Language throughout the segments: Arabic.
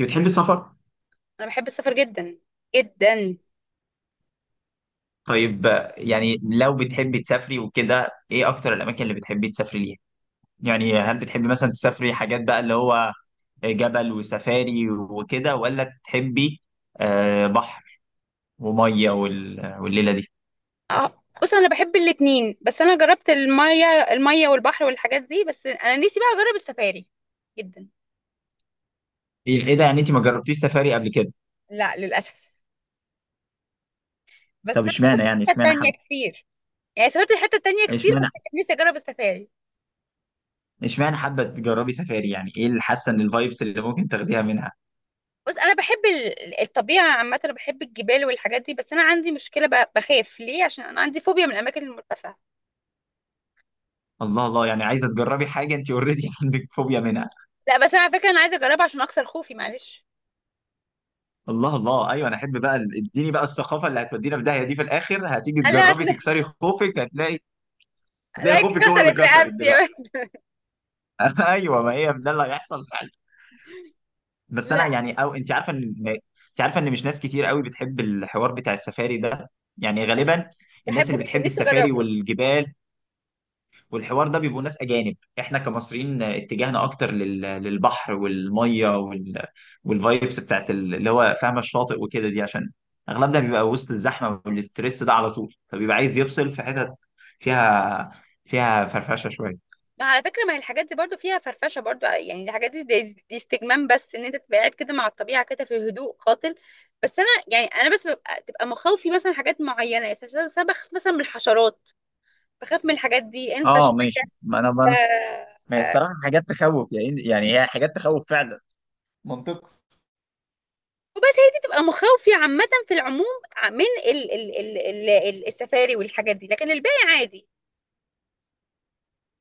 انت بتحبي السفر؟ انا بحب السفر جدا جدا. طيب آه، لو بتحبي تسافري وكده ايه اكتر الاماكن اللي بتحبي تسافري ليها؟ هل بتحبي مثلا تسافري حاجات بقى اللي هو جبل وسفاري وكده، ولا تحبي آه بحر وميه والليله دي؟ اه، بص، انا بحب الاتنين بس انا جربت المية المية والبحر والحاجات دي، بس انا نفسي بقى اجرب السفاري جدا. إيه ده، يعني انت ما جربتيش سفاري قبل كده؟ لا، للاسف. بس طب انا اشمعنى، سافرت يعني حتة اشمعنى تانية حب كتير. يعني سافرت حتة تانية كتير بس اشمعنى كان نفسي اجرب السفاري. اشمعنى حابه تجربي سفاري؟ يعني ايه اللي حاسه ان الفايبس اللي ممكن تاخديها منها؟ بص، انا بحب الطبيعة عامة، انا بحب الجبال والحاجات دي، بس انا عندي مشكلة، بخاف ليه عشان انا عندي فوبيا من الاماكن المرتفعة. الله الله، يعني عايزه تجربي حاجه انت اوريدي عندك فوبيا منها. لا، بس انا على فكرة انا عايزة اجربها عشان اكسر خوفي، معلش. الله الله، ايوه انا احب بقى، اديني بقى الثقافه اللي هتودينا في داهيه دي في الاخر. هتيجي لا تجربي تكسري خوفك، هتلاقي هتلاقي لا، خوفك هو اللي كسرت كسرك رقبتي. دلوقتي. ايوه، ما هي ده اللي هيحصل فعلا. بس لا، انا يعني، او انت عارفه، ان مش ناس كتير قوي بتحب الحوار بتاع السفاري ده. يعني غالبا الناس بحبه اللي جدا، بتحب نفسي السفاري اجربه. والجبال والحوار ده بيبقوا ناس اجانب. احنا كمصريين اتجاهنا اكتر للبحر والميه والفايبس بتاعت اللي هو فاهمه الشاطئ وكده، دي عشان اغلبنا بيبقى وسط الزحمه والاسترس ده على طول، فبيبقى عايز يفصل في حتت فيها فرفشه شويه. ما على فكرة ما هي الحاجات دي برضو فيها فرفشة برضو، يعني الحاجات دي استجمام، بس ان انت تبقى قاعد كده مع الطبيعة كده في هدوء قاتل. بس انا يعني انا بس ببقى تبقى مخاوفي مثلا حاجات معينة، يعني مثلا أنا بخاف مثلا من الحشرات، بخاف من الحاجات دي، انفع اه شوية. ماشي، ما انا بس، ما هي آه، الصراحه حاجات تخوف، يعني هي حاجات تخوف فعلا. منطقي. وبس هي دي تبقى مخاوفي عامة في العموم، من السفاري والحاجات دي، لكن الباقي عادي.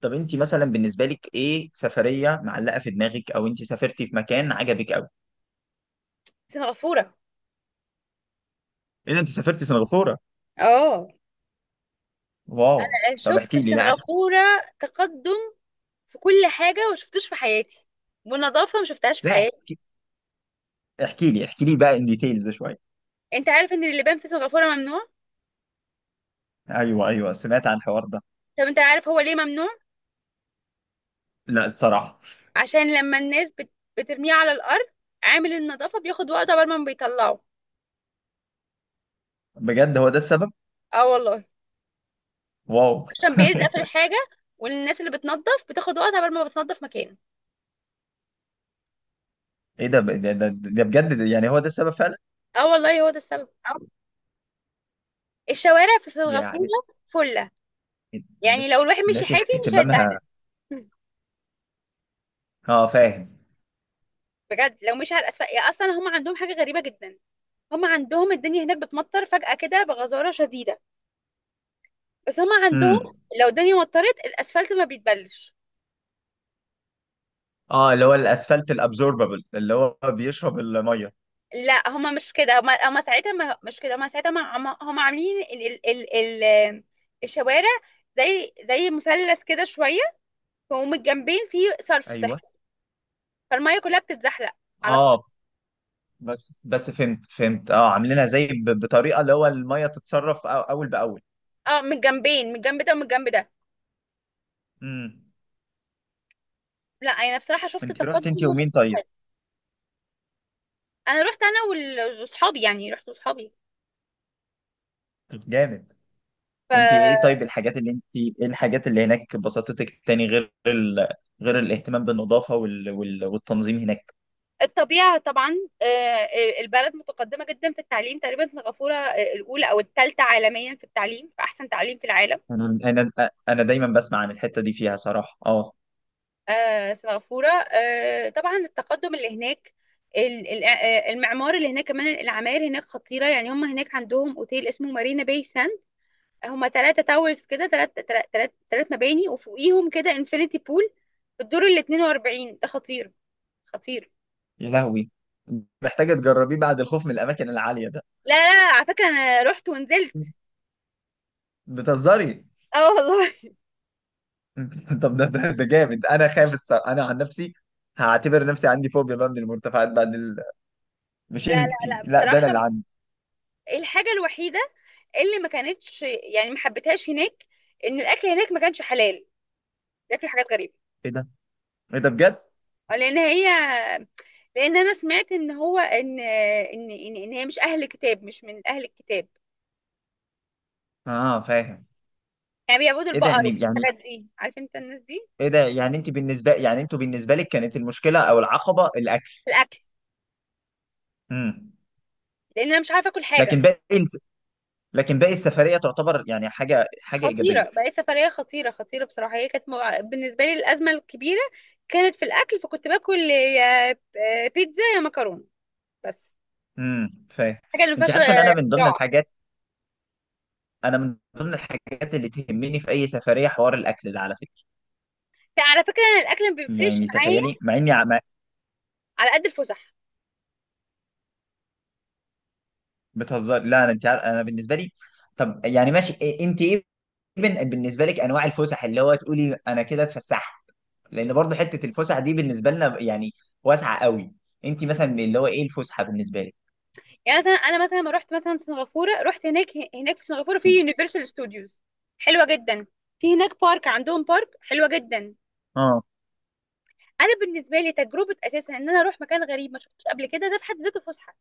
طب انت مثلا بالنسبه لك، ايه سفريه معلقه في دماغك، او انت سافرتي في مكان عجبك قوي؟ سنغافورة. ايه ده، انت سافرتي سنغافوره؟ اه. واو. طب شفت في احكي لي، لا سنغافورة تقدم في كل حاجة ما شفتوش في حياتي، والنظافة ما شفتهاش في لا حياتي. احكي، احكي لي احكي لي بقى ان ديتيلز شويه. انت عارف ان اللبان في سنغافورة ممنوع؟ ايوه ايوه، سمعت عن الحوار ده. طب انت عارف هو ليه ممنوع؟ لا الصراحه. عشان لما بترميه على الارض، عامل النظافة بياخد وقت عبال ما بيطلعه. بجد، هو ده السبب؟ اه والله. واو. عشان بيلزق في الحاجة، والناس اللي بتنظف بتاخد وقت عبال ما بتنظف مكانه. ايه ده، ده بجد، ده يعني هو ده السبب فعلا؟ اه والله، هو ده السبب. الشوارع في سنغافورة يعني فلة، يعني الناس، لو الواحد مشي الناس حاجة مش هيتدهن. اهتمامها، اه فاهم. بجد لو مشي على الاسفل، يا اصلا هم عندهم حاجة غريبة جدا، هم عندهم الدنيا هناك بتمطر فجأة كده بغزارة شديدة، بس هم عندهم امم. لو الدنيا مطرت الاسفلت ما بيتبلش. اه، اللي هو الاسفلت الابزوربابل اللي هو بيشرب الميه. لا، هما مش كده، هما هما ساعتها ما مش كده، هما ساعتها ما هما هما عاملين ال الشوارع زي مثلث كده شويه، ومن الجنبين فيه صرف ايوه. صحي، فالميه كلها بتتزحلق على الصرف. اه بس فهمت فهمت، اه عاملينها زي بطريقه اللي هو الميه تتصرف اول باول. اه، من الجنبين، من الجنب ده ومن الجنب ده. امم. لا انا بصراحه شفت انت تقدم رحت انت وما ومين شفتش طيب؟ فرق. انا رحت انا واصحابي، يعني رحت واصحابي. جامد. انت ايه طيب الحاجات اللي انت ايه الحاجات اللي هناك بسطتك تاني غير غير الاهتمام بالنظافة والتنظيم هناك؟ فالطبيعه طبعا. البلد متقدمه جدا في التعليم، تقريبا سنغافوره الاولى او الثالثه عالميا في التعليم، في احسن تعليم في العالم. انا انا انا دايما بسمع عن الحتة دي، فيها صراحة اه. سنغافورة، طبعا التقدم اللي هناك، المعمار اللي هناك كمان، العماير هناك خطيرة، يعني هم هناك عندهم اوتيل اسمه مارينا باي ساند. هم ثلاثة تاورز كده، ثلاث مباني وفوقيهم كده انفينيتي بول في الدور ال 42، ده خطير خطير. يا لهوي، محتاجة تجربيه بعد الخوف من الاماكن العالية ده. لا لا، على فكرة انا رحت ونزلت. بتهزري؟ اه والله. طب ده ده ده جامد، انا خايف الصراحة، انا عن نفسي هعتبر نفسي عندي فوبيا بقى من المرتفعات بعد لا مش لا انتي لا، لا، ده انا اللي بصراحة عندي. الحاجة الوحيدة اللي ما كانتش يعني ما حبيتهاش هناك ان الاكل هناك ما كانش حلال، بياكلوا حاجات غريبة. ايه ده، ايه ده بجد؟ آه، لان هي، لان انا سمعت ان هو إن هي مش اهل كتاب، مش من اهل الكتاب، اه فاهم. يعني بيعبدوا ايه ده البقر يعني، يعني والحاجات دي، عارف انت الناس دي. ايه ده، يعني انت بالنسبه، يعني انتوا بالنسبه لك كانت المشكله او العقبه الاكل؟ في الاكل، امم. لان انا مش عارفه اكل حاجه. لكن باقي الس... لكن باقي السفريه تعتبر يعني حاجه حاجه ايجابيه. خطيره بقى، سفريه خطيره خطيره بصراحه، هي كانت بالنسبه لي الازمه الكبيره كانت في الاكل، فكنت باكل يا بيتزا يا مكرونه بس، فاهم. حاجه اللي ما انت فيهاش عارفه ان انا من ضمن اختراع. الحاجات انا من ضمن الحاجات اللي تهمني في اي سفريه حوار الاكل ده على فكره. على فكره انا الاكل ما بيفرقش يعني معايا، تخيلي مع اني على قد الفسح. بتهزر، لا انا، انت عارف انا بالنسبه لي. طب يعني ماشي، بالنسبه لك انواع الفسح اللي هو تقولي انا كده اتفسحت؟ لان برضه حته الفسحه دي بالنسبه لنا يعني واسعه قوي. انت مثلا اللي هو ايه الفسحه بالنسبه لك؟ يعني مثلا انا مثلا لما رحت مثلا سنغافوره، رحت هناك، هناك في سنغافوره في يونيفرسال ستوديوز، حلوه جدا، في هناك بارك، عندهم بارك حلوه جدا. اه، انا بالنسبه لي تجربه اساسا ان انا اروح مكان غريب ما شفتوش قبل كده ده في حد ذاته فسحه،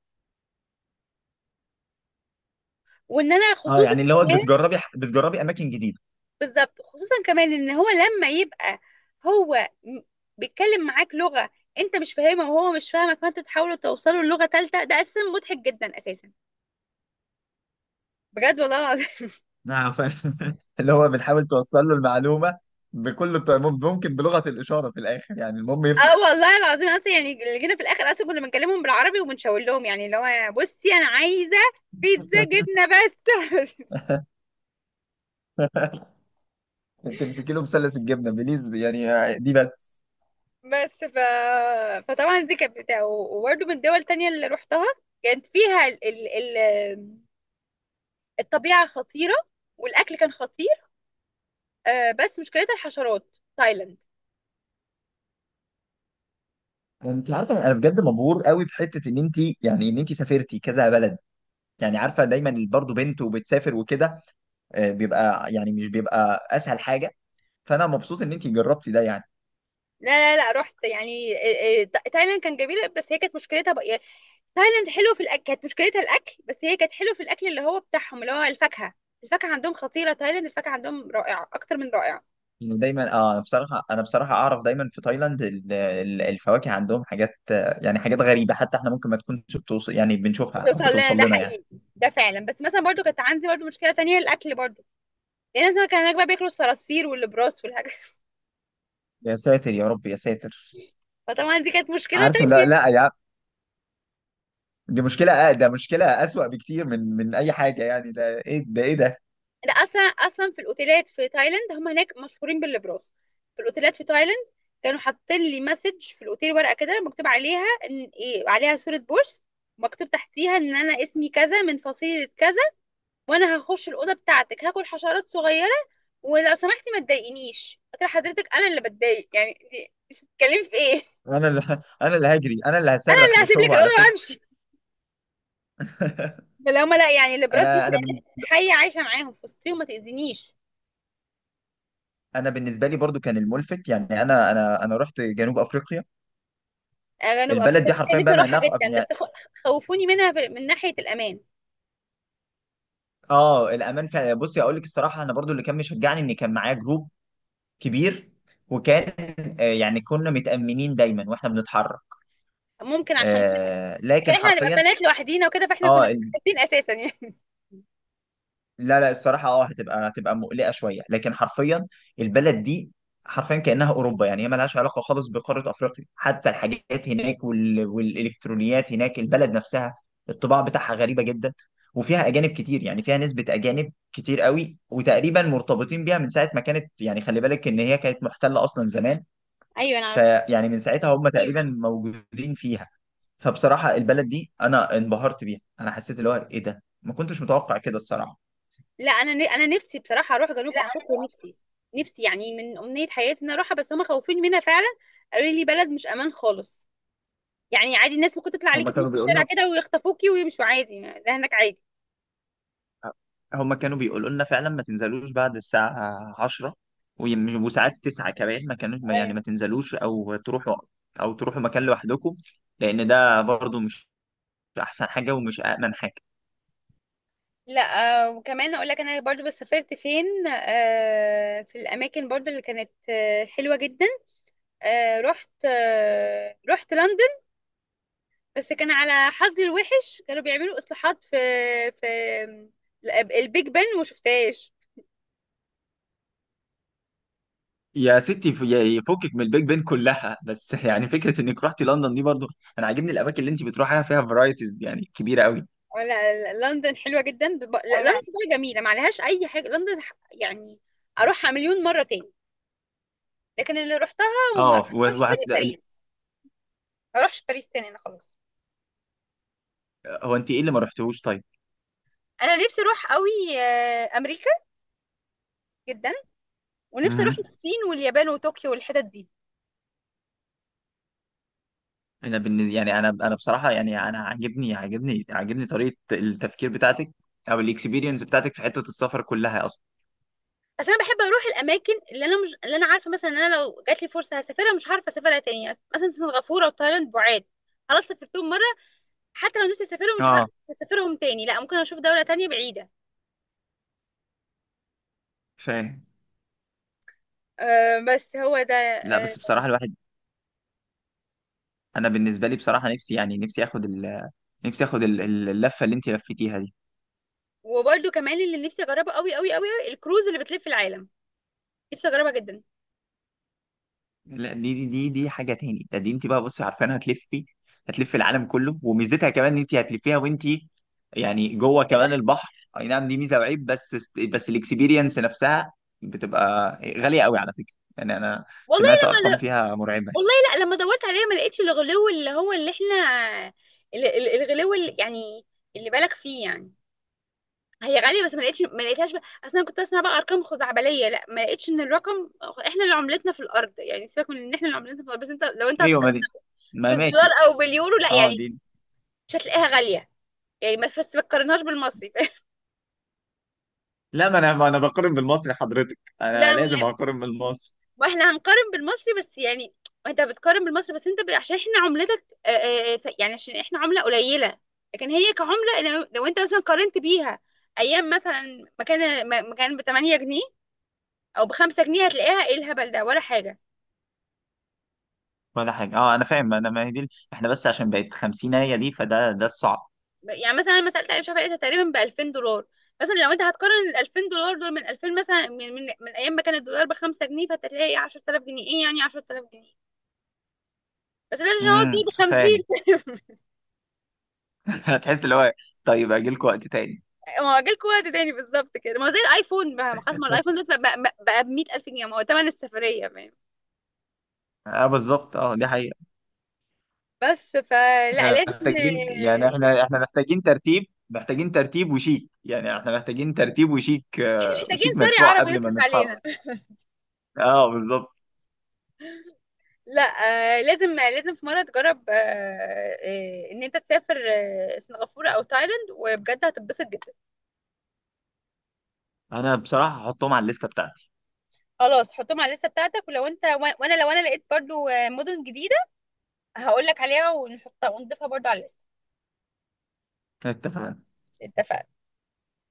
وان انا اه خصوصا يعني اللي هو كمان. بتجربي اماكن جديده. بالظبط، خصوصا كمان ان هو لما يبقى هو م- بيتكلم معاك لغه انت مش فاهمها وهو مش فاهمك، فانت تحاولوا توصلوا للغه ثالثه، ده اساسا مضحك جدا اساسا، بجد والله العظيم. نعم فاهم. اللي هو بنحاول توصل له المعلومه بكل الط- ممكن بلغه الاشاره في الاخر، يعني المهم يفهم. اه والله العظيم، اصلا يعني اللي جينا في الاخر اصلا كنا بنكلمهم بالعربي وبنشاور لهم، يعني اللي هو بصي انا عايزه بيتزا جبنه بس. تمسكي له مثلث الجبنه بليز يعني، آه، دي بس. بس ف... فطبعا دي كانت بتاع، وبرده من الدول التانية اللي روحتها كانت فيها الطبيعه خطيره والاكل كان خطير. بس مشكلتها الحشرات، تايلاند. انت عارفه انا بجد مبهور قوي بحته ان انت، يعني ان انت سافرتي كذا بلد. يعني عارفه دايما برضه بنت وبتسافر وكده، آه، بيبقى يعني مش بيبقى اسهل حاجه. فانا مبسوط ان انت جربتي ده يعني. لا لا لا، رحت يعني تايلاند كان جميل، بس هي كانت مشكلتها بقى يعني، تايلاند حلو في الاكل، كانت مشكلتها الاكل، بس هي كانت حلو في الاكل اللي هو بتاعهم اللي هو الفاكهه، الفاكهه عندهم خطيره، تايلاند الفاكهه عندهم رائعه اكتر من رائعه. يعني دايما اه، انا بصراحه، انا بصراحه اعرف دايما في تايلاند الفواكه عندهم حاجات آه، يعني حاجات غريبه، حتى احنا ممكن ما تكونش بتوصل، يعني بنشوفها او بتوصل لنا ده بتوصل لنا يعني. حقيقي، ده فعلا. بس مثلا برضو كانت عندي برضو مشكله تانية الاكل برضو، يعني مثلا كان هناك بقى بياكلوا الصراصير والبراس والحاجات. يا ساتر يا رب يا ساتر. فطبعا دي كانت مشكله عارفه لا تانية. لا يا، دي مشكله آه، ده مشكله اسوأ بكتير من اي حاجه، يعني ده ايه ده، ايه ده. ده اصلا اصلا في الاوتيلات في تايلاند، هم هناك مشهورين بالبراس، في الاوتيلات في تايلاند كانوا حاطين لي مسج في الاوتيل، ورقه كده مكتوب عليها ان إيه، عليها صوره بورس، مكتوب تحتيها ان انا اسمي كذا من فصيله كذا، وانا هخش الاوضه بتاعتك هاكل حشرات صغيره ولو سمحتي ما تضايقنيش. قلت لها حضرتك انا اللي بتضايق، يعني انت بتتكلمي في ايه؟ انا اللي انا اللي هجري، انا اللي انا هصرخ اللي مش هسيب لك هو الاوضه على فكره. وامشي، فلو ما لا يعني الابراج دي انا انا بن- كانت حيه عايشه معاهم في وسطي وما تاذينيش. انا بالنسبه لي برضو كان الملفت، يعني انا رحت جنوب افريقيا. انا ببقى البلد دي فاكرة، كان حرفيا نفسي بقى مع اروحها انها في جدا، بس خوفوني منها من ناحيه الامان. اه الامان فعلا. بصي اقول لك الصراحه، انا برضو اللي كان مشجعني ان كان معايا جروب كبير، وكان آه، يعني كنا متامنين دايما واحنا بنتحرك. ممكن عشان كده. آه، لكن لكن احنا هنبقى حرفيا، بنات لوحدينا وكده، فاحنا كنا اه مستخبيين اساسا يعني. لا لا الصراحة اه، هتبقى مقلقة شوية، لكن حرفيا البلد دي حرفيا كأنها أوروبا. يعني هي ملهاش علاقة خالص بقارة أفريقيا، حتى الحاجات هناك والإلكترونيات هناك، البلد نفسها الطباع بتاعها غريبة جدا، وفيها أجانب كتير، يعني فيها نسبة أجانب كتير قوي، وتقريبا مرتبطين بيها من ساعة ما كانت. يعني خلي بالك إن هي كانت محتلة أصلا زمان، ايوه انا. فيعني من ساعتها هم تقريبا موجودين فيها. فبصراحة البلد دي أنا انبهرت بيها، أنا حسيت اللي هو إيه ده، ما كنتش متوقع كده الصراحة. لا انا انا نفسي بصراحه اروح جنوب افريقيا، نفسي، نفسي يعني من امنيه حياتي ان اروحها، بس هم خوفين منها فعلا، قالوا لي بلد مش امان خالص، يعني عادي الناس ممكن تطلع هما عليكي في كانوا نص بيقولوا الشارع لنا كده ويخطفوكي ويمشوا عادي، ده هناك عادي. هما كانوا بيقولوا لنا فعلا ما تنزلوش بعد الساعة 10، وساعات 9 كمان ما كانوش، يعني أيوة. ما تنزلوش او تروحوا مكان لوحدكم، لان ده برضو مش احسن حاجة ومش امن حاجة. لا. وكمان اقول لك انا برضو بس، سافرت فين في الاماكن برضو اللي كانت حلوه جدا، رحت رحت لندن، بس كان على حظي الوحش كانوا بيعملوا اصلاحات في في البيج بن وما شفتهاش. يا ستي يفكك من البيج بين كلها بس. يعني فكرة انك رحتي لندن دي برضو، انا عاجبني الاماكن اللي انت بتروحيها، فيها فرايتيز يعني كبيرة قوي. لا، لندن حلوة جدا لا، لندن انا بقى جميلة ما عليهاش أي حاجة، لندن يعني أروحها مليون مرة تاني، لكن اللي روحتها وما اه روحتهاش تاني باريس، ما أروحش باريس تاني أنا خلاص. هو انت ايه اللي ما رحتوش طيب؟ أنا نفسي أروح قوي أمريكا جدا، ونفسي أروح مهم. الصين واليابان وطوكيو والحتت دي. انا بالنسبه يعني، انا انا بصراحه يعني انا عاجبني عاجبني طريقه التفكير بتاعتك او الاكسبيرينس بتاعتك في حته السفر كلها اصلا. بس أنا بحب أروح الأماكن اللي أنا مش، اللي أنا عارفة مثلا إن أنا لو جات لي فرصة هسافرها مش هعرف أسافرها تاني، مثلا سنغافورة وتايلاند بعاد خلاص سافرتهم مرة، حتى لو نفسي أسافرهم مش ه- اه هسافرهم تاني لا، ممكن أشوف دولة تانية بعيدة. فاهم. بس هو ده. لا بس بصراحه الواحد، انا بالنسبه لي بصراحه نفسي يعني نفسي اخد اللفه اللي انت لفيتيها دي. وبرده كمان اللي نفسي اجربه قوي قوي قوي، الكروز اللي بتلف العالم، نفسي اجربها جدا. لا دي دي حاجة تاني، ده دي انت بقى بصي عارفين، هتلفي العالم كله، وميزتها كمان ان انت هتلفيها وانت يعني جوه في كمان البحر. البحر. اي نعم دي ميزة وعيب، بس الاكسبيرينس نفسها بتبقى غالية قوي على فكرة. يعني انا والله سمعت لما ارقام ل... فيها مرعبة. والله لا لما دورت عليها ما لقيتش الغلو اللي هو اللي احنا، الغلو اللي يعني اللي بالك فيه يعني، هي غاليه بس ما لقيتش، ما لقيتهاش بقى، اصلا كنت اسمع بقى ارقام خزعبليه، لا ما لقيتش ان الرقم احنا اللي عملتنا في الارض، يعني سيبك من ان احنا اللي عملتنا في الارض، بس انت لو انت ايوه ما هتقارن دي، ما ماشي. بالدولار او باليورو لا اه يعني دي، مش هتلاقيها غاليه، يعني ما، بس ما تقارنهاش بالمصري. لا ما انا بقارن بالمصري، حضرتك لا. انا لازم اقارن بالمصري. واحنا هنقارن بالمصري بس يعني، انت بتقارن بالمصري بس عشان احنا عملتك يعني عشان احنا عملة قليلة، لكن هي كعملة لو، انت مثلا قارنت بيها ايام مثلا مكان مكان ب 8 جنيه او ب 5 جنيه، هتلاقيها ايه الهبل ده ولا حاجة. ولا حاجة. اه انا فاهم، انا ما هي دي احنا بس عشان بقت 50، هي دي فده ده الصعب. يعني مثلا انا لما سألت علي شافعي لقيتها تقريبا ب 2000 دولار، مثلا لو انت هتقارن ال 2000 دولار دول من 2000، مثلا من من ايام ما كان الدولار ب 5 جنيه، فانت هتلاقي 10000 جنيه، ايه يعني 10000 جنيه، بس لازم هو دول ب 50. فاهم. هتحس اللي هو، طيب اجي لكم وقت تاني. ما هو جالكوا وقت تاني بالظبط كده، ما هو زي الايفون بقى، ما خلاص، ما هو الايفون دلوقتي بقى ب 100000 جنيه، ما هو تمن السفرية، فاهم. اه بالظبط، اه دي حقيقة. بس فلا احنا لازم، محتاجين يعني، احنا احنا محتاجين ترتيب، محتاجين ترتيب وشيك، يعني احنا محتاجين ترتيب وشيك يعني آه، محتاجين وشيك ساري مدفوع عربي قبل ما يصرف نتحرك. علينا. اه بالظبط. لا. لازم لازم في مرة تجرب ان انت تسافر سنغافورة او تايلاند، وبجد هتتبسط جدا. انا بصراحة هحطهم على الليستة بتاعتي. خلاص حطهم على الليستة بتاعتك، ولو انت، وانا لو انا لقيت برضو مدن جديدة هقول لك عليها ونحطها ونضيفها برضو على الليستة. اتفقنا. اتفقنا.